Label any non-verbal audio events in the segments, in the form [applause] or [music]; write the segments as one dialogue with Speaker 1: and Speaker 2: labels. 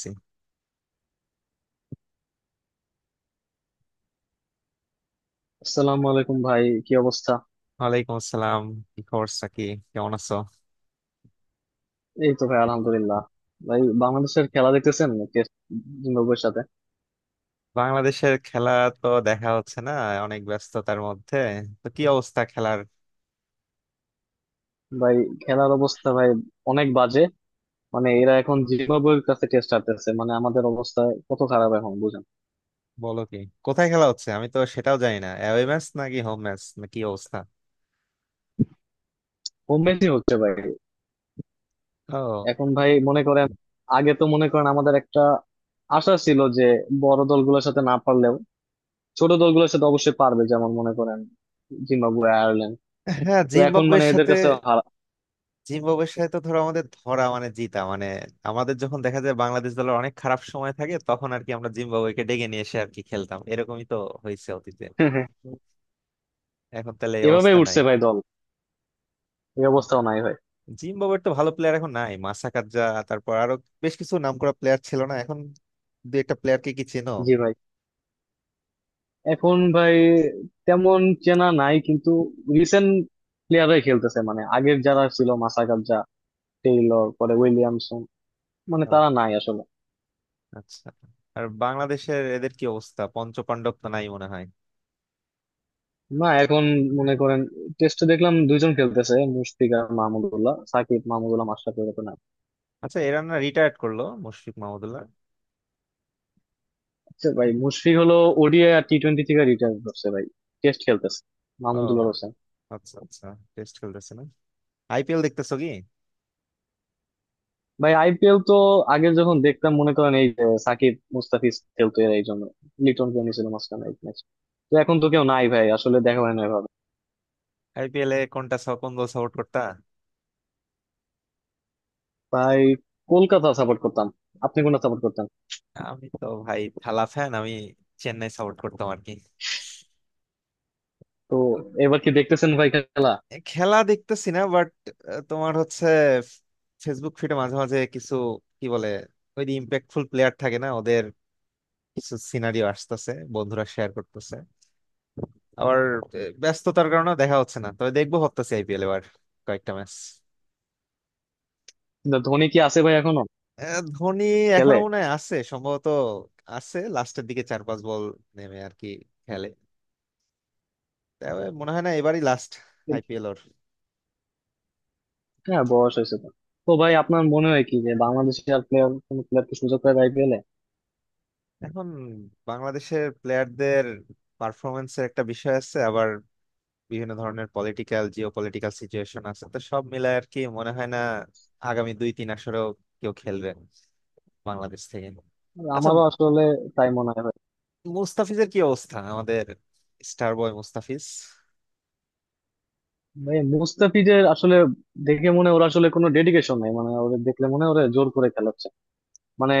Speaker 1: জি।
Speaker 2: আসসালামু আলাইকুম ভাই, কি অবস্থা?
Speaker 1: ওয়ালাইকুম আসসালাম। কি খবর সাকি? কেমন আছো?
Speaker 2: এই তো ভাই, আলহামদুলিল্লাহ। ভাই, বাংলাদেশের খেলা দেখতেছেন জিম্বাবুয়ের সাথে?
Speaker 1: বাংলাদেশের খেলা তো দেখা হচ্ছে না, অনেক ব্যস্ততার মধ্যে। তো কি অবস্থা খেলার?
Speaker 2: ভাই, খেলার অবস্থা ভাই অনেক বাজে। মানে এরা এখন জিম্বাবুয়ের কাছে টেস্ট হারতেছে, মানে আমাদের অবস্থা কত খারাপ এখন বুঝেন।
Speaker 1: বলো কি! কোথায় খেলা হচ্ছে? আমি তো সেটাও জানি না। অ্যাওয়ে ম্যাচ নাকি হোম ম্যাচ, না কি অবস্থা?
Speaker 2: হোম ম্যাচই হচ্ছে ভাই।
Speaker 1: ও।
Speaker 2: এখন ভাই মনে করেন, আগে তো মনে করেন আমাদের একটা আশা ছিল যে বড় দলগুলোর সাথে না পারলেও ছোট দলগুলোর সাথে অবশ্যই পারবে, যেমন মনে করেন জিম্বাবুয়ে, আয়ারল্যান্ড।
Speaker 1: হ্যাঁ,
Speaker 2: তো এখন মানে
Speaker 1: জিম্বাবুয়ের
Speaker 2: এদের
Speaker 1: সাথে।
Speaker 2: কাছে হারা।
Speaker 1: জিম্বাবুয়ের সাথে তো ধরো আমাদের ধরা মানে জিতা মানে আমাদের যখন দেখা যায় বাংলাদেশ দলের অনেক খারাপ সময় থাকে তখন আর কি আমরা জিম্বাবুয়েকে ডেকে নিয়ে এসে আর কি খেলতাম, এরকমই তো হয়েছে অতীতে।
Speaker 2: [laughs]
Speaker 1: এখন তাহলে এই অবস্থা
Speaker 2: এভাবেই
Speaker 1: নাই।
Speaker 2: উঠছে ভাই দল। এই অবস্থাও নাই ভাই।
Speaker 1: জিম্বাবুয়ের তো ভালো প্লেয়ার এখন নাই, মাসাকাদজা, তারপর আরো বেশ কিছু নামকরা প্লেয়ার ছিল না? এখন দু একটা প্লেয়ারকে কি চেনো?
Speaker 2: জি ভাই, এখন ভাই তেমন চেনা নাই, কিন্তু রিসেন্ট প্লেয়াররাই খেলতেছে। মানে আগের যারা ছিল মাসাকাদজা, টেইলর, পরে উইলিয়ামসন, মানে
Speaker 1: ও,
Speaker 2: তারা নাই আসলে।
Speaker 1: আচ্ছা। আর বাংলাদেশের এদের কি অবস্থা? পঞ্চপাণ্ডব তো নাই মনে হয়।
Speaker 2: না এখন মনে করেন টেস্টে দেখলাম দুইজন খেলতেছে, মুশফিক আর মাহমুদুল্লাহ। সাকিব, মাহমুদুল্লাহ, মাশরাফি এরকম না।
Speaker 1: আচ্ছা, এরা না রিটায়ার্ড করলো মুশফিক মাহমুদুল্লাহ?
Speaker 2: আচ্ছা ভাই, মুশফিক হলো ওডিআই আর টি টোয়েন্টি থেকে রিটায়ার করছে ভাই। টেস্ট খেলতেছে
Speaker 1: ও,
Speaker 2: মাহমুদুল্লাহ হোসেন।
Speaker 1: আচ্ছা আচ্ছা। টেস্ট খেলতেছে না? আইপিএল দেখতেছো কি?
Speaker 2: ভাই আইপিএল তো আগে যখন দেখতাম মনে করেন, এই যে সাকিব মুস্তাফিজ খেলতো এর এই জন্য। লিটন কেমনি ছিল মাঝখানে এক ম্যাচ। তো এখন তো কেউ নাই ভাই, আসলে দেখা হয় না এভাবে।
Speaker 1: আইপিএল এ কোনটা কোন দল সাপোর্ট করতা?
Speaker 2: ভাই কলকাতা সাপোর্ট করতাম। আপনি কোনটা সাপোর্ট করতেন?
Speaker 1: আমি তো ভাই থালা ফ্যান, আমি চেন্নাই সাপোর্ট করতাম আর কি।
Speaker 2: তো এবার কি দেখতেছেন ভাই খেলা?
Speaker 1: খেলা দেখতেছি না বাট তোমার হচ্ছে ফেসবুক ফিডে মাঝে মাঝে কিছু কি বলে ওই যে ইম্প্যাক্টফুল প্লেয়ার থাকে না ওদের, কিছু সিনারিও আসতেছে, বন্ধুরা শেয়ার করতেছে। আবার ব্যস্ততার কারণে দেখা হচ্ছে না, তবে দেখবো ভাবতেছি আইপিএল এবার কয়েকটা ম্যাচ।
Speaker 2: না, ধোনি কি আছে ভাই এখনো?
Speaker 1: ধোনি এখনো
Speaker 2: খেলে?
Speaker 1: মনে হয় আছে সম্ভবত। আছে, লাস্টের দিকে চার পাঁচ বল নেমে আর কি খেলে। তবে মনে হয় না এবারই লাস্ট আইপিএল ওর।
Speaker 2: হ্যাঁ, বয়স হয়েছে তো। তো ভাই, আপনার মনে হয় কি যে বাংলাদেশে আর প্লেয়ার কোন প্লেয়ারকে সুযোগ পায় আইপিএলে?
Speaker 1: এখন বাংলাদেশের প্লেয়ারদের পারফরমেন্সের একটা বিষয় আছে, আবার বিভিন্ন ধরনের পলিটিক্যাল, জিও পলিটিক্যাল সিচুয়েশন আছে, তো সব মিলায় আর কি মনে হয় না আগামী 2-3 আসরেও কেউ খেলবে বাংলাদেশ থেকে। আচ্ছা।
Speaker 2: আমারও আসলে তাই মনে হয় ভাই।
Speaker 1: মুস্তাফিজের কি অবস্থা আমাদের স্টার বয় মুস্তাফিজ?
Speaker 2: ভাই মুস্তাফিজের আসলে দেখে মনে হয় ওরা আসলে কোনো ডেডিকেশন নাই, মানে ওদের দেখলে মনে হয় ওরা জোর করে খেলাচ্ছে। মানে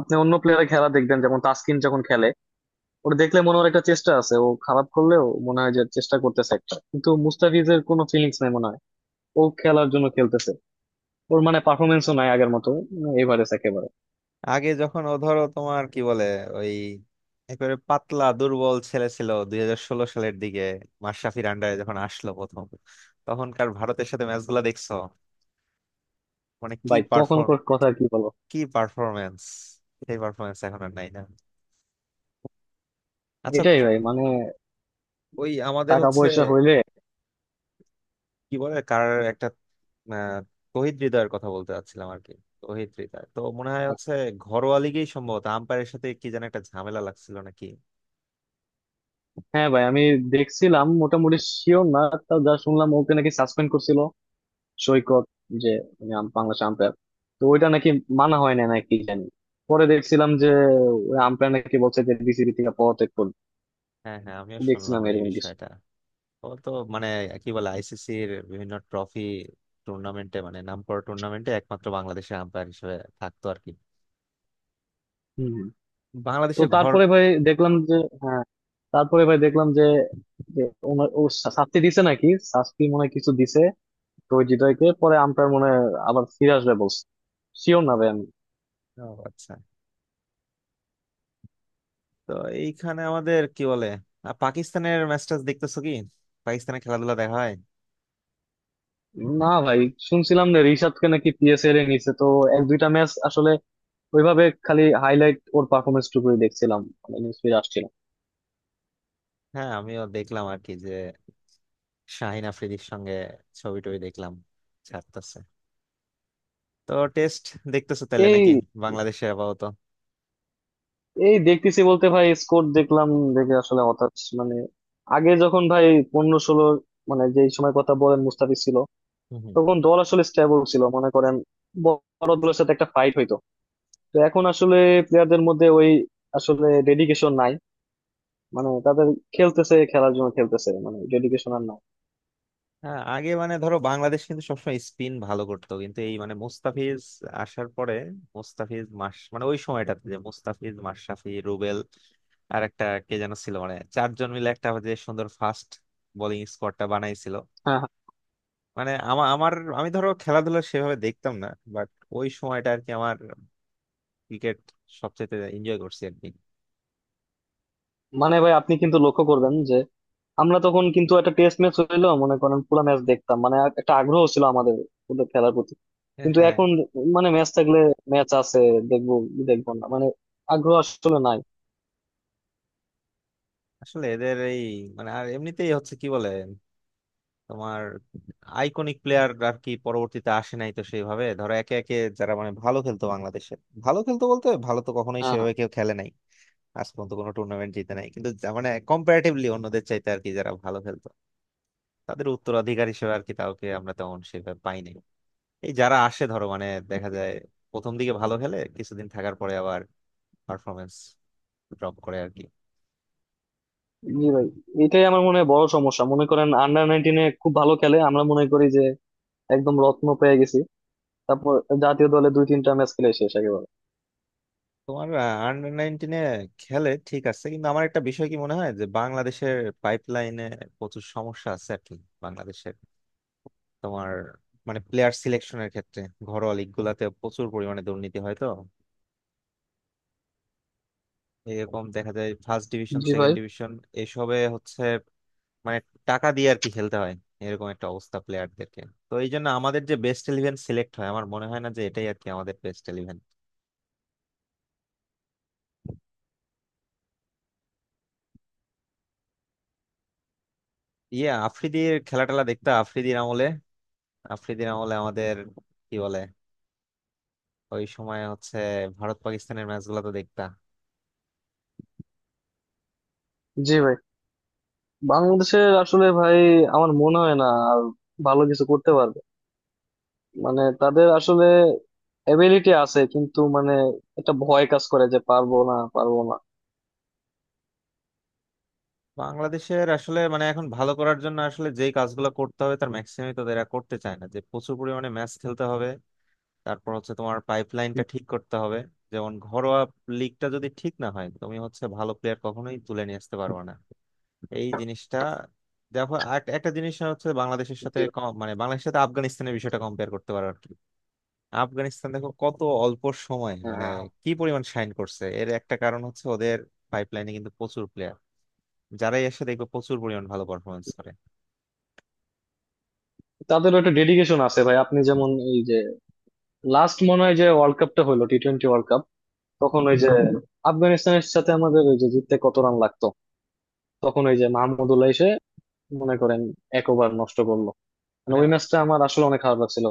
Speaker 2: আপনি অন্য প্লেয়ারের খেলা দেখবেন, যেমন তাসকিন যখন খেলে, ওটা দেখলে মনে হয় একটা চেষ্টা আছে। ও খারাপ করলেও মনে হয় যে চেষ্টা করতেছে একটা, কিন্তু মুস্তাফিজের কোনো ফিলিংস নাই মনে হয়। ও খেলার জন্য খেলতেছে। ওর মানে পারফরমেন্সও নাই আগের মতো, এভারেজ একেবারে।
Speaker 1: আগে যখন ও ধরো তোমার কি বলে ওই একেবারে পাতলা দুর্বল ছেলে ছিল 2016 সালের দিকে, মাশরাফির আন্ডারে যখন আসলো প্রথম, তখনকার ভারতের সাথে ম্যাচ গুলা দেখছো? মানে কি
Speaker 2: ভাই তখন
Speaker 1: পারফর্ম,
Speaker 2: কথা আর কি বলবো।
Speaker 1: কি পারফরমেন্স! সেই পারফরমেন্স এখন আর নাই, না? আচ্ছা।
Speaker 2: এটাই ভাই, মানে
Speaker 1: ওই আমাদের
Speaker 2: টাকা
Speaker 1: হচ্ছে
Speaker 2: পয়সা হইলে।
Speaker 1: কি বলে কার একটা আহ, তহিদ হৃদয়ের কথা বলতে চাচ্ছিলাম আর কি। তহিদ হৃদয় তো মনে হয় হচ্ছে ঘরোয়া লিগেই সম্ভবত আম্পায়ারের সাথে কি যেন একটা ঝামেলা লাগছিল, নাকি?
Speaker 2: হ্যাঁ ভাই, আমি দেখছিলাম, মোটামুটি শিওর না। তা যা শুনলাম, ওকে নাকি সাসপেন্ড করছিল সৈকত, যে মানে বাংলাদেশ আম্পায়ার। তো ওইটা নাকি মানা হয় না নাকি জানি। পরে দেখছিলাম যে ওই আম্পায়ার নাকি বলছে যে বিসিবি থেকে পদত্যাগ করবে।
Speaker 1: হ্যাঁ হ্যাঁ, আমিও শুনলাম
Speaker 2: দেখছিলাম
Speaker 1: এই
Speaker 2: এরকম কিছু।
Speaker 1: বিষয়টা। ও তো মানে কি বলে আইসিসির বিভিন্ন ট্রফি, টুর্নামেন্টে মানে নামকরা টুর্নামেন্টে একমাত্র বাংলাদেশের আম্পায়ার হিসেবে থাকতো আর কি।
Speaker 2: হম হম। তো
Speaker 1: বাংলাদেশের ঘর।
Speaker 2: তারপরে ভাই দেখলাম যে, হ্যাঁ, তারপরে ভাই দেখলাম যে যে ওনার ও শাস্তি দিছে নাকি, শাস্তি মনে হয় কিছু দিছে। তো ওই হৃদয়কে পরে আম্পায়ার মনে হয় আবার ফিরে আসবে বলছে। শিওর না ভাই আমি।
Speaker 1: ও, আচ্ছা। তো এইখানে আমাদের কি বলে, আর পাকিস্তানের ম্যাচটা দেখতেছো কি? পাকিস্তানের খেলাধুলা দেখা হয়?
Speaker 2: না ভাই, শুনছিলাম যে রিশাদকে নাকি পিএসএল এ নিছে। তো এক দুইটা ম্যাচ আসলে ওইভাবে, খালি হাইলাইট ওর পারফরমেন্স টুকুই দেখছিলাম, মানে নিউজ ফিড আসছিল।
Speaker 1: হ্যাঁ, আমিও দেখলাম আর কি যে শাহিন আফ্রিদির সঙ্গে ছবি টবি দেখলাম ছাড়তেছে। তো টেস্ট দেখতেছো তাহলে নাকি
Speaker 2: এই
Speaker 1: বাংলাদেশে আপাতত?
Speaker 2: এই দেখতেছি বলতে ভাই স্কোর দেখলাম, দেখে আসলে হতাশ। মানে আগে যখন ভাই 15 16, মানে যেই সময় কথা বলেন মুস্তাফিজ ছিল,
Speaker 1: হুম হুম।
Speaker 2: তখন দল আসলে স্টেবল ছিল মনে করেন। বড় দলের সাথে একটা ফাইট হইতো। তো এখন আসলে প্লেয়ারদের মধ্যে ওই আসলে ডেডিকেশন নাই, মানে তাদের। খেলতেছে, খেলার জন্য খেলতেছে, মানে ডেডিকেশন আর নাই।
Speaker 1: হ্যাঁ, আগে মানে ধরো বাংলাদেশ কিন্তু সবসময় স্পিন ভালো করতো, কিন্তু এই মানে মোস্তাফিজ আসার পরে মোস্তাফিজ মাস মানে ওই সময়টাতে যে মোস্তাফিজ মাশরাফি রুবেল আর একটা কে যেন ছিল মানে চারজন মিলে একটা যে সুন্দর ফাস্ট বোলিং স্কোয়াডটা বানাইছিল।
Speaker 2: হ্যাঁ হ্যাঁ।
Speaker 1: মানে আমার আমার আমি ধরো খেলাধুলা সেভাবে দেখতাম না, বাট ওই সময়টা আর কি আমার ক্রিকেট সবচেয়ে এনজয় করছি আর কি।
Speaker 2: মানে ভাই আপনি কিন্তু লক্ষ্য করবেন যে আমরা তখন কিন্তু একটা টেস্ট ম্যাচ হইলো মনে করেন পুরো ম্যাচ দেখতাম, মানে একটা আগ্রহ ছিল আমাদের ওদের খেলার প্রতি। কিন্তু
Speaker 1: হ্যাঁ,
Speaker 2: এখন মানে ম্যাচ থাকলে, ম্যাচ আছে, দেখবো কি দেখবো না, মানে আগ্রহ আসলে নাই।
Speaker 1: আসলে এদের এই মানে আর এমনিতেই হচ্ছে কি বলে তোমার আইকনিক প্লেয়ার আর কি পরবর্তীতে আসে নাই তো সেইভাবে, ধরো একে একে যারা মানে ভালো খেলতো বাংলাদেশে, ভালো খেলতো বলতে ভালো তো কখনোই
Speaker 2: হ্যাঁ,
Speaker 1: সেভাবে কেউ খেলে নাই, আজ পর্যন্ত কোনো টুর্নামেন্ট জিতে নাই, কিন্তু মানে কম্পারেটিভলি অন্যদের চাইতে আর কি যারা ভালো খেলতো, তাদের উত্তরাধিকার হিসেবে আর কি তাকে আমরা তেমন সেভাবে পাই নাই। এই যারা আসে ধরো মানে দেখা যায় প্রথম দিকে ভালো খেলে কিছুদিন থাকার পরে আবার পারফরমেন্স ড্রপ করে আর কি।
Speaker 2: জি ভাই, এটাই আমার মনে হয় বড় সমস্যা। মনে করেন আন্ডার নাইনটিনে খুব ভালো খেলে, আমরা মনে করি যে একদম রত্ন পেয়ে গেছি। তারপর জাতীয় দলে দুই তিনটা ম্যাচ খেলে শেষ একেবারে।
Speaker 1: তোমার আন্ডার 19-এ খেলে ঠিক আছে, কিন্তু আমার একটা বিষয় কি মনে হয় যে বাংলাদেশের পাইপলাইনে প্রচুর সমস্যা আছে আর কি। বাংলাদেশের তোমার মানে প্লেয়ার সিলেকশনের ক্ষেত্রে ঘরোয়া লিগ গুলাতে প্রচুর পরিমাণে দুর্নীতি হয় তো, এরকম দেখা যায় ফার্স্ট ডিভিশন,
Speaker 2: জি ভাই।
Speaker 1: সেকেন্ড ডিভিশন এসবে হচ্ছে মানে টাকা দিয়ে আর কি খেলতে হয় এরকম একটা অবস্থা প্লেয়ারদেরকে। তো এই জন্য আমাদের যে বেস্ট ইলেভেন সিলেক্ট হয় আমার মনে হয় না যে এটাই আর কি আমাদের বেস্ট ইলেভেন। ইয়ে আফ্রিদির খেলা টেলা দেখতে আফ্রিদির আমলে, আফ্রিদির আমলে আমাদের কি বলে ওই সময় হচ্ছে ভারত পাকিস্তানের ম্যাচগুলো তো দেখতা?
Speaker 2: জি ভাই, বাংলাদেশের আসলে ভাই আমার মনে হয় না আর ভালো কিছু করতে পারবে। মানে তাদের আসলে এবিলিটি আছে কিন্তু মানে একটা ভয় কাজ করে যে পারবো না, পারবো না।
Speaker 1: বাংলাদেশের আসলে মানে এখন ভালো করার জন্য আসলে যেই কাজগুলো করতে হবে তার ম্যাক্সিমামই তো এরা করতে চায় না, যে প্রচুর পরিমাণে ম্যাচ খেলতে হবে, তারপর হচ্ছে তোমার পাইপলাইনটা ঠিক করতে হবে, যেমন ঘরোয়া লিগটা যদি ঠিক না হয় তুমি হচ্ছে ভালো প্লেয়ার কখনোই তুলে নিয়ে আসতে পারবে না এই জিনিসটা। দেখো আর একটা জিনিস হচ্ছে বাংলাদেশের সাথে
Speaker 2: জি।
Speaker 1: মানে বাংলাদেশের সাথে আফগানিস্তানের বিষয়টা কম্পেয়ার করতে পারো আর কি। আফগানিস্তান দেখো কত অল্প সময় মানে
Speaker 2: হ্যাঁ,
Speaker 1: কি পরিমাণ শাইন করছে, এর একটা কারণ হচ্ছে ওদের পাইপলাইনে কিন্তু প্রচুর প্লেয়ার, যারাই এসে দেখবে প্রচুর পরিমাণ ভালো পারফরমেন্স করে।
Speaker 2: তাদেরও একটা ডেডিকেশন আছে ভাই। আপনি যেমন, এই যে লাস্ট মনে হয় যে ওয়ার্ল্ড কাপটা হলো টি টোয়েন্টি ওয়ার্ল্ড কাপ, তখন ওই যে আফগানিস্তানের সাথে আমাদের ওই যে জিততে কত রান লাগতো, তখন ওই যে মাহমুদুল্লাহ এসে মনে করেন এক ওভার নষ্ট করলো। মানে
Speaker 1: মানে
Speaker 2: ওই ম্যাচটা আমার আসলে অনেক খারাপ লাগছিল।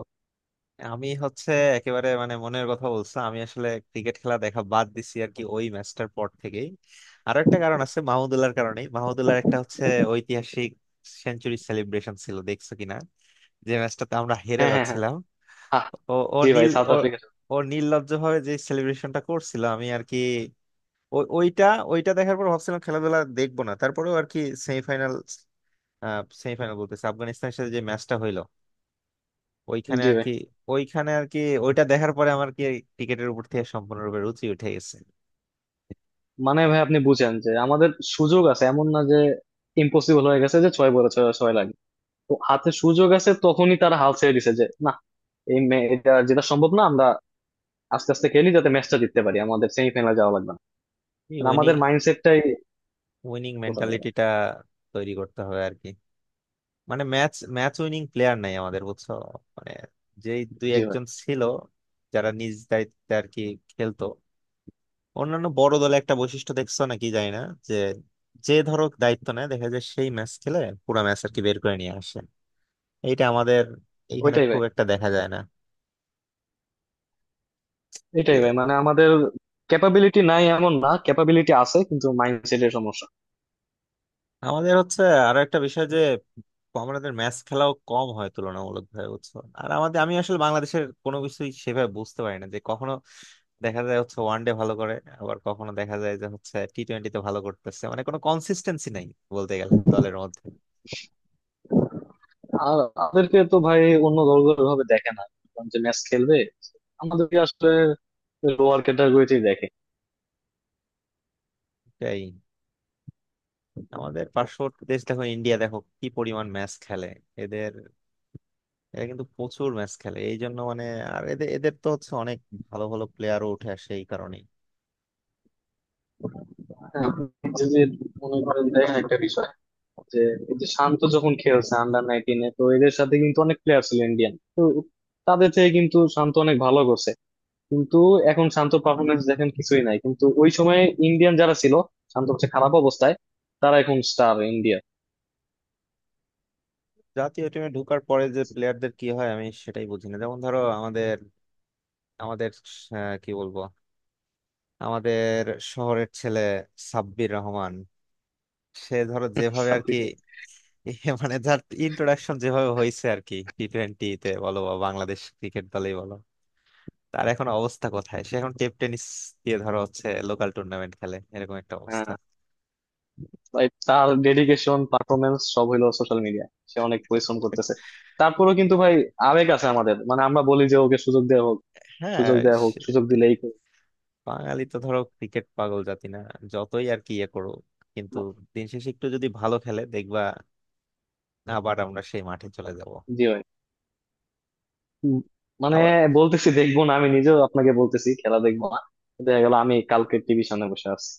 Speaker 1: আমি হচ্ছে একেবারে মানে মনের কথা বলছে, আমি আসলে ক্রিকেট খেলা দেখা বাদ দিছি আর কি ওই ম্যাচটার পর থেকেই। আরো একটা কারণ আছে, মাহমুদুল্লাহর কারণে, মাহমুদুল্লাহর একটা হচ্ছে ঐতিহাসিক সেঞ্চুরি সেলিব্রেশন ছিল দেখছো কিনা যে ম্যাচটাতে আমরা হেরে
Speaker 2: হ্যাঁ হ্যাঁ হ্যাঁ।
Speaker 1: যাচ্ছিলাম।
Speaker 2: আহ,
Speaker 1: ও ও
Speaker 2: জি ভাই,
Speaker 1: নীল
Speaker 2: সাউথ
Speaker 1: ও
Speaker 2: আফ্রিকা।
Speaker 1: ও নির্লজ্জ ভাবে যে সেলিব্রেশনটা করছিল আমি আর কি ওইটা, ওইটা দেখার পর ভাবছিলাম খেলাধুলা দেখবো না, তারপরেও আর কি সেমিফাইনাল, সেমিফাইনাল বলতেছে আফগানিস্তানের সাথে যে ম্যাচটা হইলো ওইখানে
Speaker 2: জি
Speaker 1: আর
Speaker 2: ভাই,
Speaker 1: কি, ওইখানে আর কি ওইটা দেখার পরে আমার কি ক্রিকেটের উপর থেকে সম্পূর্ণরূপে রুচি উঠে গেছে।
Speaker 2: মানে ভাই আপনি বুঝেন যে আমাদের সুযোগ আছে, এমন না যে ইম্পসিবল হয়ে গেছে যে ছয় বলে ছয় ছয় লাগবে। তো হাতে সুযোগ আছে, তখনই তারা হাল ছেড়ে দিছে যে না, এই এটা যেটা সম্ভব না, আমরা আস্তে আস্তে খেলি যাতে ম্যাচটা জিততে পারি, আমাদের সেমিফাইনালে যাওয়া লাগবে না।
Speaker 1: এই
Speaker 2: মানে আমাদের
Speaker 1: উইনিং,
Speaker 2: মাইন্ডসেটটাই
Speaker 1: উইনিং
Speaker 2: কোথাও নেই।
Speaker 1: মেন্টালিটিটা তৈরি করতে হবে আর কি। মানে ম্যাচ, ম্যাচ উইনিং প্লেয়ার নাই আমাদের, বুঝছো? মানে যেই দুই
Speaker 2: জি ভাই।
Speaker 1: একজন ছিল যারা নিজ দায়িত্বে আর কি খেলতো। অন্যান্য বড় দলে একটা বৈশিষ্ট্য দেখছো নাকি জানি না, যে যে ধরো দায়িত্ব নেয় দেখা যায় সেই ম্যাচ খেলে, পুরো ম্যাচ আর কি বের করে নিয়ে আসে। এইটা আমাদের এইখানে
Speaker 2: ওইটাই ভাই,
Speaker 1: খুব একটা দেখা যায় না।
Speaker 2: এটাই
Speaker 1: এ,
Speaker 2: ভাই, মানে আমাদের ক্যাপাবিলিটি নাই এমন না, ক্যাপাবিলিটি আছে কিন্তু মাইন্ডসেটের সমস্যা।
Speaker 1: আমাদের হচ্ছে আরো একটা বিষয় যে আমাদের ম্যাচ খেলাও কম হয় তুলনামূলক ভাবে, বুঝছো? আর আমাদের আমি আসলে বাংলাদেশের কোনো কিছুই সেভাবে বুঝতে পারি না, যে কখনো দেখা যায় হচ্ছে ওয়ান ডে ভালো করে, আবার কখনো দেখা যায় যে হচ্ছে টি টোয়েন্টিতে ভালো করতেছে, মানে কোনো কনসিস্টেন্সি নাই বলতে গেলে দলের মধ্যে।
Speaker 2: আর আমাদেরকে তো ভাই অন্য দলগুলো ভাবে দেখে না, কারণ যে ম্যাচ খেলবে আমাদেরকে আসলে লোয়ার ক্যাটাগরিতেই দেখে।
Speaker 1: এটাই। আমাদের পার্শ্ববর্তী দেশ দেখো, ইন্ডিয়া দেখো কি পরিমাণ ম্যাচ খেলে এদের, এরা কিন্তু প্রচুর ম্যাচ খেলে এই জন্য মানে আর এদের এদের তো হচ্ছে অনেক ভালো ভালো প্লেয়ারও উঠে আসে এই কারণেই।
Speaker 2: হ্যাঁ, আপনি যদি মনে করেন, দেখেন একটা বিষয় যে এই যে শান্ত যখন খেলছে আন্ডার নাইনটিনে, তো এদের সাথে কিন্তু অনেক প্লেয়ার ছিল ইন্ডিয়ান, তো তাদের থেকে কিন্তু শান্ত অনেক ভালো করছে। কিন্তু এখন শান্ত পারফরমেন্স দেখেন কিছুই নাই, কিন্তু ওই সময় ইন্ডিয়ান যারা ছিল, শান্ত হচ্ছে খারাপ অবস্থায়, তারা এখন স্টার ইন্ডিয়া।
Speaker 1: জাতীয় টিমে ঢোকার পরে যে প্লেয়ারদের কি হয় আমি সেটাই বুঝি না, যেমন ধরো আমাদের আমাদের কি বলবো আমাদের শহরের ছেলে সাব্বির রহমান, সে ধরো যেভাবে আর কি [laughs] এ মানে যার ইন্ট্রোডাকশন যেভাবে হয়েছে আর কি টি টোয়েন্টিতে বলো বা বাংলাদেশ ক্রিকেট দলেই বলো, তার এখন অবস্থা কোথায়? সে এখন টেপ টেনিস দিয়ে ধরো হচ্ছে লোকাল টুর্নামেন্ট খেলে এরকম একটা
Speaker 2: হ্যাঁ
Speaker 1: অবস্থা।
Speaker 2: ভাই, তার ডেডিকেশন পারফরমেন্স সব হলো সোশ্যাল মিডিয়া। সে অনেক পরিশ্রম করতেছে, তারপরেও কিন্তু ভাই আবেগ আছে আমাদের, মানে আমরা বলি যে ওকে সুযোগ দেওয়া হোক।
Speaker 1: হ্যাঁ।
Speaker 2: সুযোগ দেওয়া হোক,
Speaker 1: সে-
Speaker 2: সুযোগ দিলেই করুক।
Speaker 1: বাঙালি তো ধরো ক্রিকেট পাগল জাতি না, যতই আর কি ইয়ে করো, কিন্তু দিন শেষে একটু যদি ভালো খেলে দেখবা আবার আমরা সেই মাঠে চলে যাব।
Speaker 2: জি ভাই। উম, মানে
Speaker 1: আবার
Speaker 2: বলতেছি দেখবো না, আমি নিজেও আপনাকে বলতেছি খেলা দেখবো না, দেখা গেল আমি কালকে টিভি সামনে বসে আছি।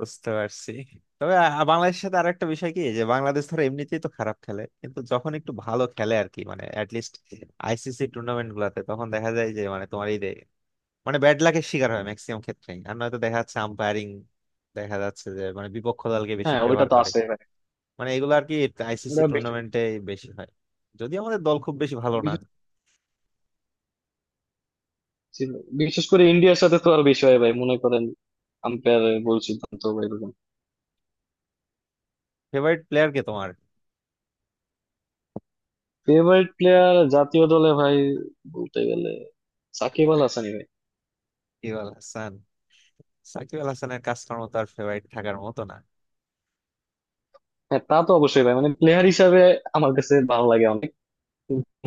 Speaker 1: বুঝতে পারছি। তবে বাংলাদেশের সাথে আরেকটা বিষয় কি যে বাংলাদেশ ধরো এমনিতেই তো খারাপ খেলে, কিন্তু যখন একটু ভালো খেলে আর কি মানে অ্যাটলিস্ট আইসিসি টুর্নামেন্ট গুলাতে, তখন দেখা যায় যে মানে তোমার এই যে মানে ব্যাড লাকের শিকার হয় ম্যাক্সিমাম ক্ষেত্রেই, আর নয়তো দেখা যাচ্ছে আম্পায়ারিং, দেখা যাচ্ছে যে মানে বিপক্ষ দলকে বেশি
Speaker 2: হ্যাঁ, ওইটা
Speaker 1: ফেভার
Speaker 2: তো
Speaker 1: করে,
Speaker 2: আছে ভাই।
Speaker 1: মানে এগুলো আর কি আইসিসি
Speaker 2: ওটা
Speaker 1: টুর্নামেন্টে বেশি হয়, যদিও আমাদের দল খুব বেশি ভালো না।
Speaker 2: বিশ- ছিল। বিশেষ করে ইন্ডিয়ার সাথে তো আর বিষয় ভাই, মনে করেন আম্পায়ার ভুল সিদ্ধান্ত বা এরকম।
Speaker 1: ফেভারিট প্লেয়ার কে তোমার?
Speaker 2: ফেভারিট প্লেয়ার জাতীয় দলে ভাই বলতে গেলে সাকিব আল হাসানই ভাই।
Speaker 1: সাকিব আল হাসান। সাকিব আল হাসানের কাজকর্ম তো আর ফেভারিট থাকার মতো না।
Speaker 2: হ্যাঁ, তা তো অবশ্যই ভাই, মানে প্লেয়ার হিসাবে আমার কাছে ভালো লাগে অনেক,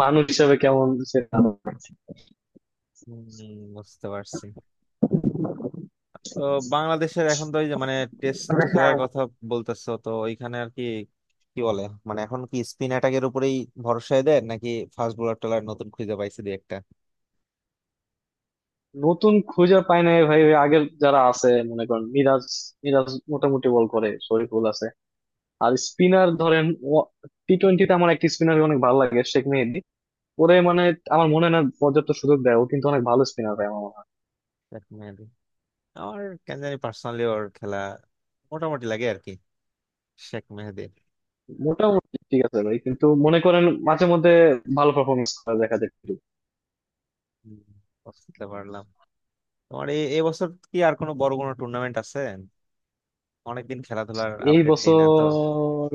Speaker 2: মানুষ হিসাবে কেমন সে।
Speaker 1: হম। বুঝতে পারছি। তো বাংলাদেশের এখন তো ওই যে মানে টেস্ট খেলার কথা বলতেছো তো ওইখানে আর কি কি বলে মানে এখন কি স্পিন অ্যাটাকের উপরেই ভরসায় দেয় নাকি ফাস্ট বোলার টোলার নতুন খুঁজে পাইছে দুই
Speaker 2: নতুন খুঁজে পাই নাই ভাই, ওই আগের যারা আছে, মনে করেন মিরাজ মিরাজ মোটামুটি বল করে, শরীফুল আছে। আর স্পিনার ধরেন, টি টোয়েন্টিতে আমার একটা স্পিনার অনেক ভালো লাগে, শেখ মেহেদী। ওরে মানে আমার মনে হয় না পর্যাপ্ত সুযোগ দেয়, ও কিন্তু অনেক ভালো স্পিনার ভাই আমার মনে হয়।
Speaker 1: একটা? আমার কেন জানি পার্সোনালি ওর খেলা মোটামুটি লাগে আর কি, শেখ মেহেদির।
Speaker 2: মোটামুটি ঠিক আছে ভাই, কিন্তু মনে করেন মাঝে মধ্যে ভালো পারফরমেন্স করে দেখা যায় কিন্তু।
Speaker 1: হুম, বুঝতে পারলাম। তোমার এই এবছর কি আর কোনো বড় কোনো টুর্নামেন্ট আছে? অনেকদিন খেলাধুলার
Speaker 2: এই
Speaker 1: আপডেট নেই না তো।
Speaker 2: বছর,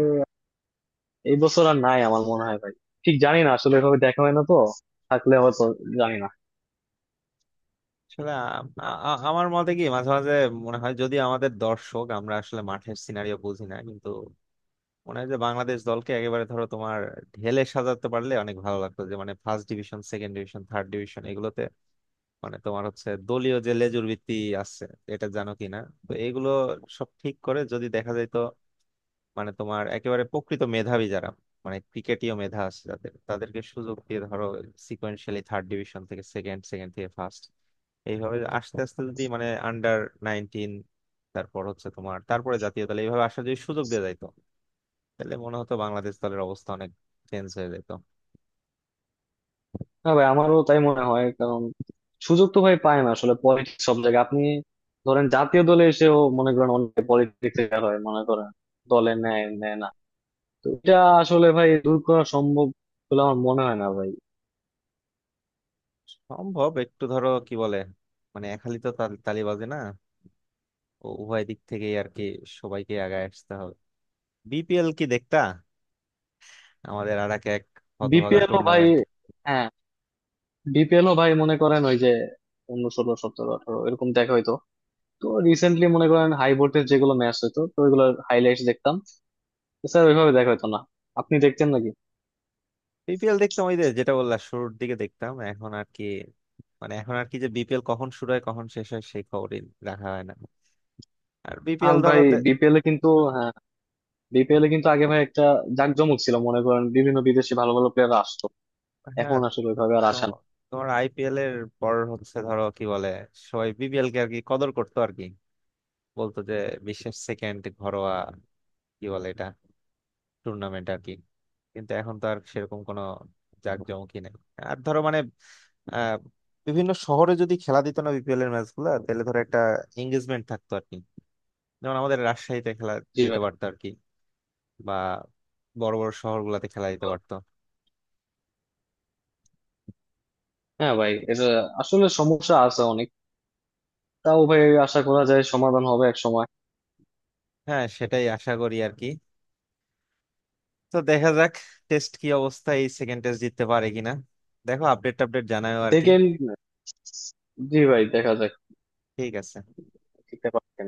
Speaker 2: এই বছর আর নাই আমার মনে হয় ভাই, ঠিক জানি না আসলে, এভাবে দেখা হয় না তো। থাকলে হয়তো, জানি না।
Speaker 1: আসলে আমার মতে কি মাঝে মাঝে মনে হয় যদি আমাদের দর্শক, আমরা আসলে মাঠের সিনারিও বুঝি না, কিন্তু মনে হয় যে বাংলাদেশ দলকে একেবারে ধরো তোমার ঢেলে সাজাতে পারলে অনেক ভালো লাগতো, যে মানে first division, second division, third division এগুলোতে মানে তোমার হচ্ছে দলীয় যে লেজুর ভিত্তি আছে এটা জানো কিনা। তো এগুলো সব ঠিক করে যদি দেখা যায় তো মানে তোমার একেবারে প্রকৃত মেধাবী যারা, মানে ক্রিকেটীয় মেধা আছে যাদের তাদেরকে সুযোগ দিয়ে ধরো সিকোয়েন্সিয়ালি থার্ড ডিভিশন থেকে সেকেন্ড, সেকেন্ড থেকে ফার্স্ট, এইভাবে আস্তে আস্তে যদি মানে আন্ডার 19, তারপর হচ্ছে তোমার তারপরে জাতীয় দলে এইভাবে আসার যদি সুযোগ দিয়ে যাইতো তাহলে মনে হতো বাংলাদেশ দলের অবস্থা অনেক চেঞ্জ হয়ে যেত।
Speaker 2: না ভাই, আমারও তাই মনে হয়, কারণ সুযোগ তো ভাই পায় না আসলে। পলিটিক্স সব জায়গায় আপনি ধরেন, জাতীয় দলে এসেও মনে করেন অনেক পলিটিক্স হয়। মনে করেন দলে নেয় নেয় না। তো এটা আসলে ভাই দূর করা সম্ভব বলে আমার মনে হয় না ভাই।
Speaker 1: সম্ভব একটু ধরো কি বলে মানে একালি তো তালিবাজি না, উভয় দিক থেকেই আর কি সবাইকে আগায় আসতে হবে। বিপিএল কি দেখতা? আমাদের আর এক এক হতভাগা
Speaker 2: বিপিএল ও ভাই,
Speaker 1: টুর্নামেন্ট।
Speaker 2: হ্যাঁ, বিপিএল ও ভাই মনে করেন, ওই যে অন্য 16 17 18 এরকম দেখা হইতো। তো রিসেন্টলি মনে করেন হাই ভোল্টেজ যেগুলো ম্যাচ হইতো, তো ওইগুলো হাইলাইটস দেখতাম। স্যার ওইভাবে দেখা হইতো না, আপনি দেখতেন নাকি?
Speaker 1: বিপিএল দেখতাম ওই যে যেটা বললাম শুরুর দিকে, দেখতাম এখন আর কি, মানে এখন আর কি যে বিপিএল কখন শুরু হয় কখন শেষ হয় সেই খবরই রাখা হয় না। আর
Speaker 2: আর
Speaker 1: বিপিএল
Speaker 2: ভাই
Speaker 1: ধরো
Speaker 2: বিপিএল এ কিন্তু, হ্যাঁ, বিপিএল এ কিন্তু আগে ভাই একটা জাঁকজমক ছিল মনে করেন, বিভিন্ন বিদেশি ভালো ভালো প্লেয়ার আসতো।
Speaker 1: হ্যাঁ।
Speaker 2: এখন আসলে ওইভাবে আর
Speaker 1: তো
Speaker 2: আসে না।
Speaker 1: তোমার আইপিএল এর পর হচ্ছে ধরো কি বলে সবাই বিপিএল কে আর কি কদর করতো আর কি, বলতো যে বিশ্বের সেকেন্ড ঘরোয়া কি বলে এটা টুর্নামেন্ট আর কি, কিন্তু এখন তো আর সেরকম কোনো জাঁকজমকই নেই। আর ধরো মানে আহ বিভিন্ন শহরে যদি খেলা দিত না বিপিএল এর ম্যাচ গুলা তাহলে ধরো একটা এঙ্গেজমেন্ট থাকতো আর কি, যেমন আমাদের রাজশাহীতে খেলা
Speaker 2: জি
Speaker 1: দিতে
Speaker 2: ভাই।
Speaker 1: পারতো আর কি, বা বড় বড় শহর গুলাতে খেলা দিতে পারতো।
Speaker 2: হ্যাঁ ভাই, এটা আসলে সমস্যা আছে অনেক, তাও ভাই আশা করা যায় সমাধান হবে এক সময়।
Speaker 1: হ্যাঁ, সেটাই আশা করি আর কি। তো দেখা যাক, টেস্ট কি অবস্থা, এই সেকেন্ড টেস্ট জিততে পারে কিনা, দেখো আপডেট টাপডেট জানাও আর কি।
Speaker 2: সেকেন্ড, জি ভাই দেখা যাক
Speaker 1: ঠিক আছে।
Speaker 2: কি ব্যাপার।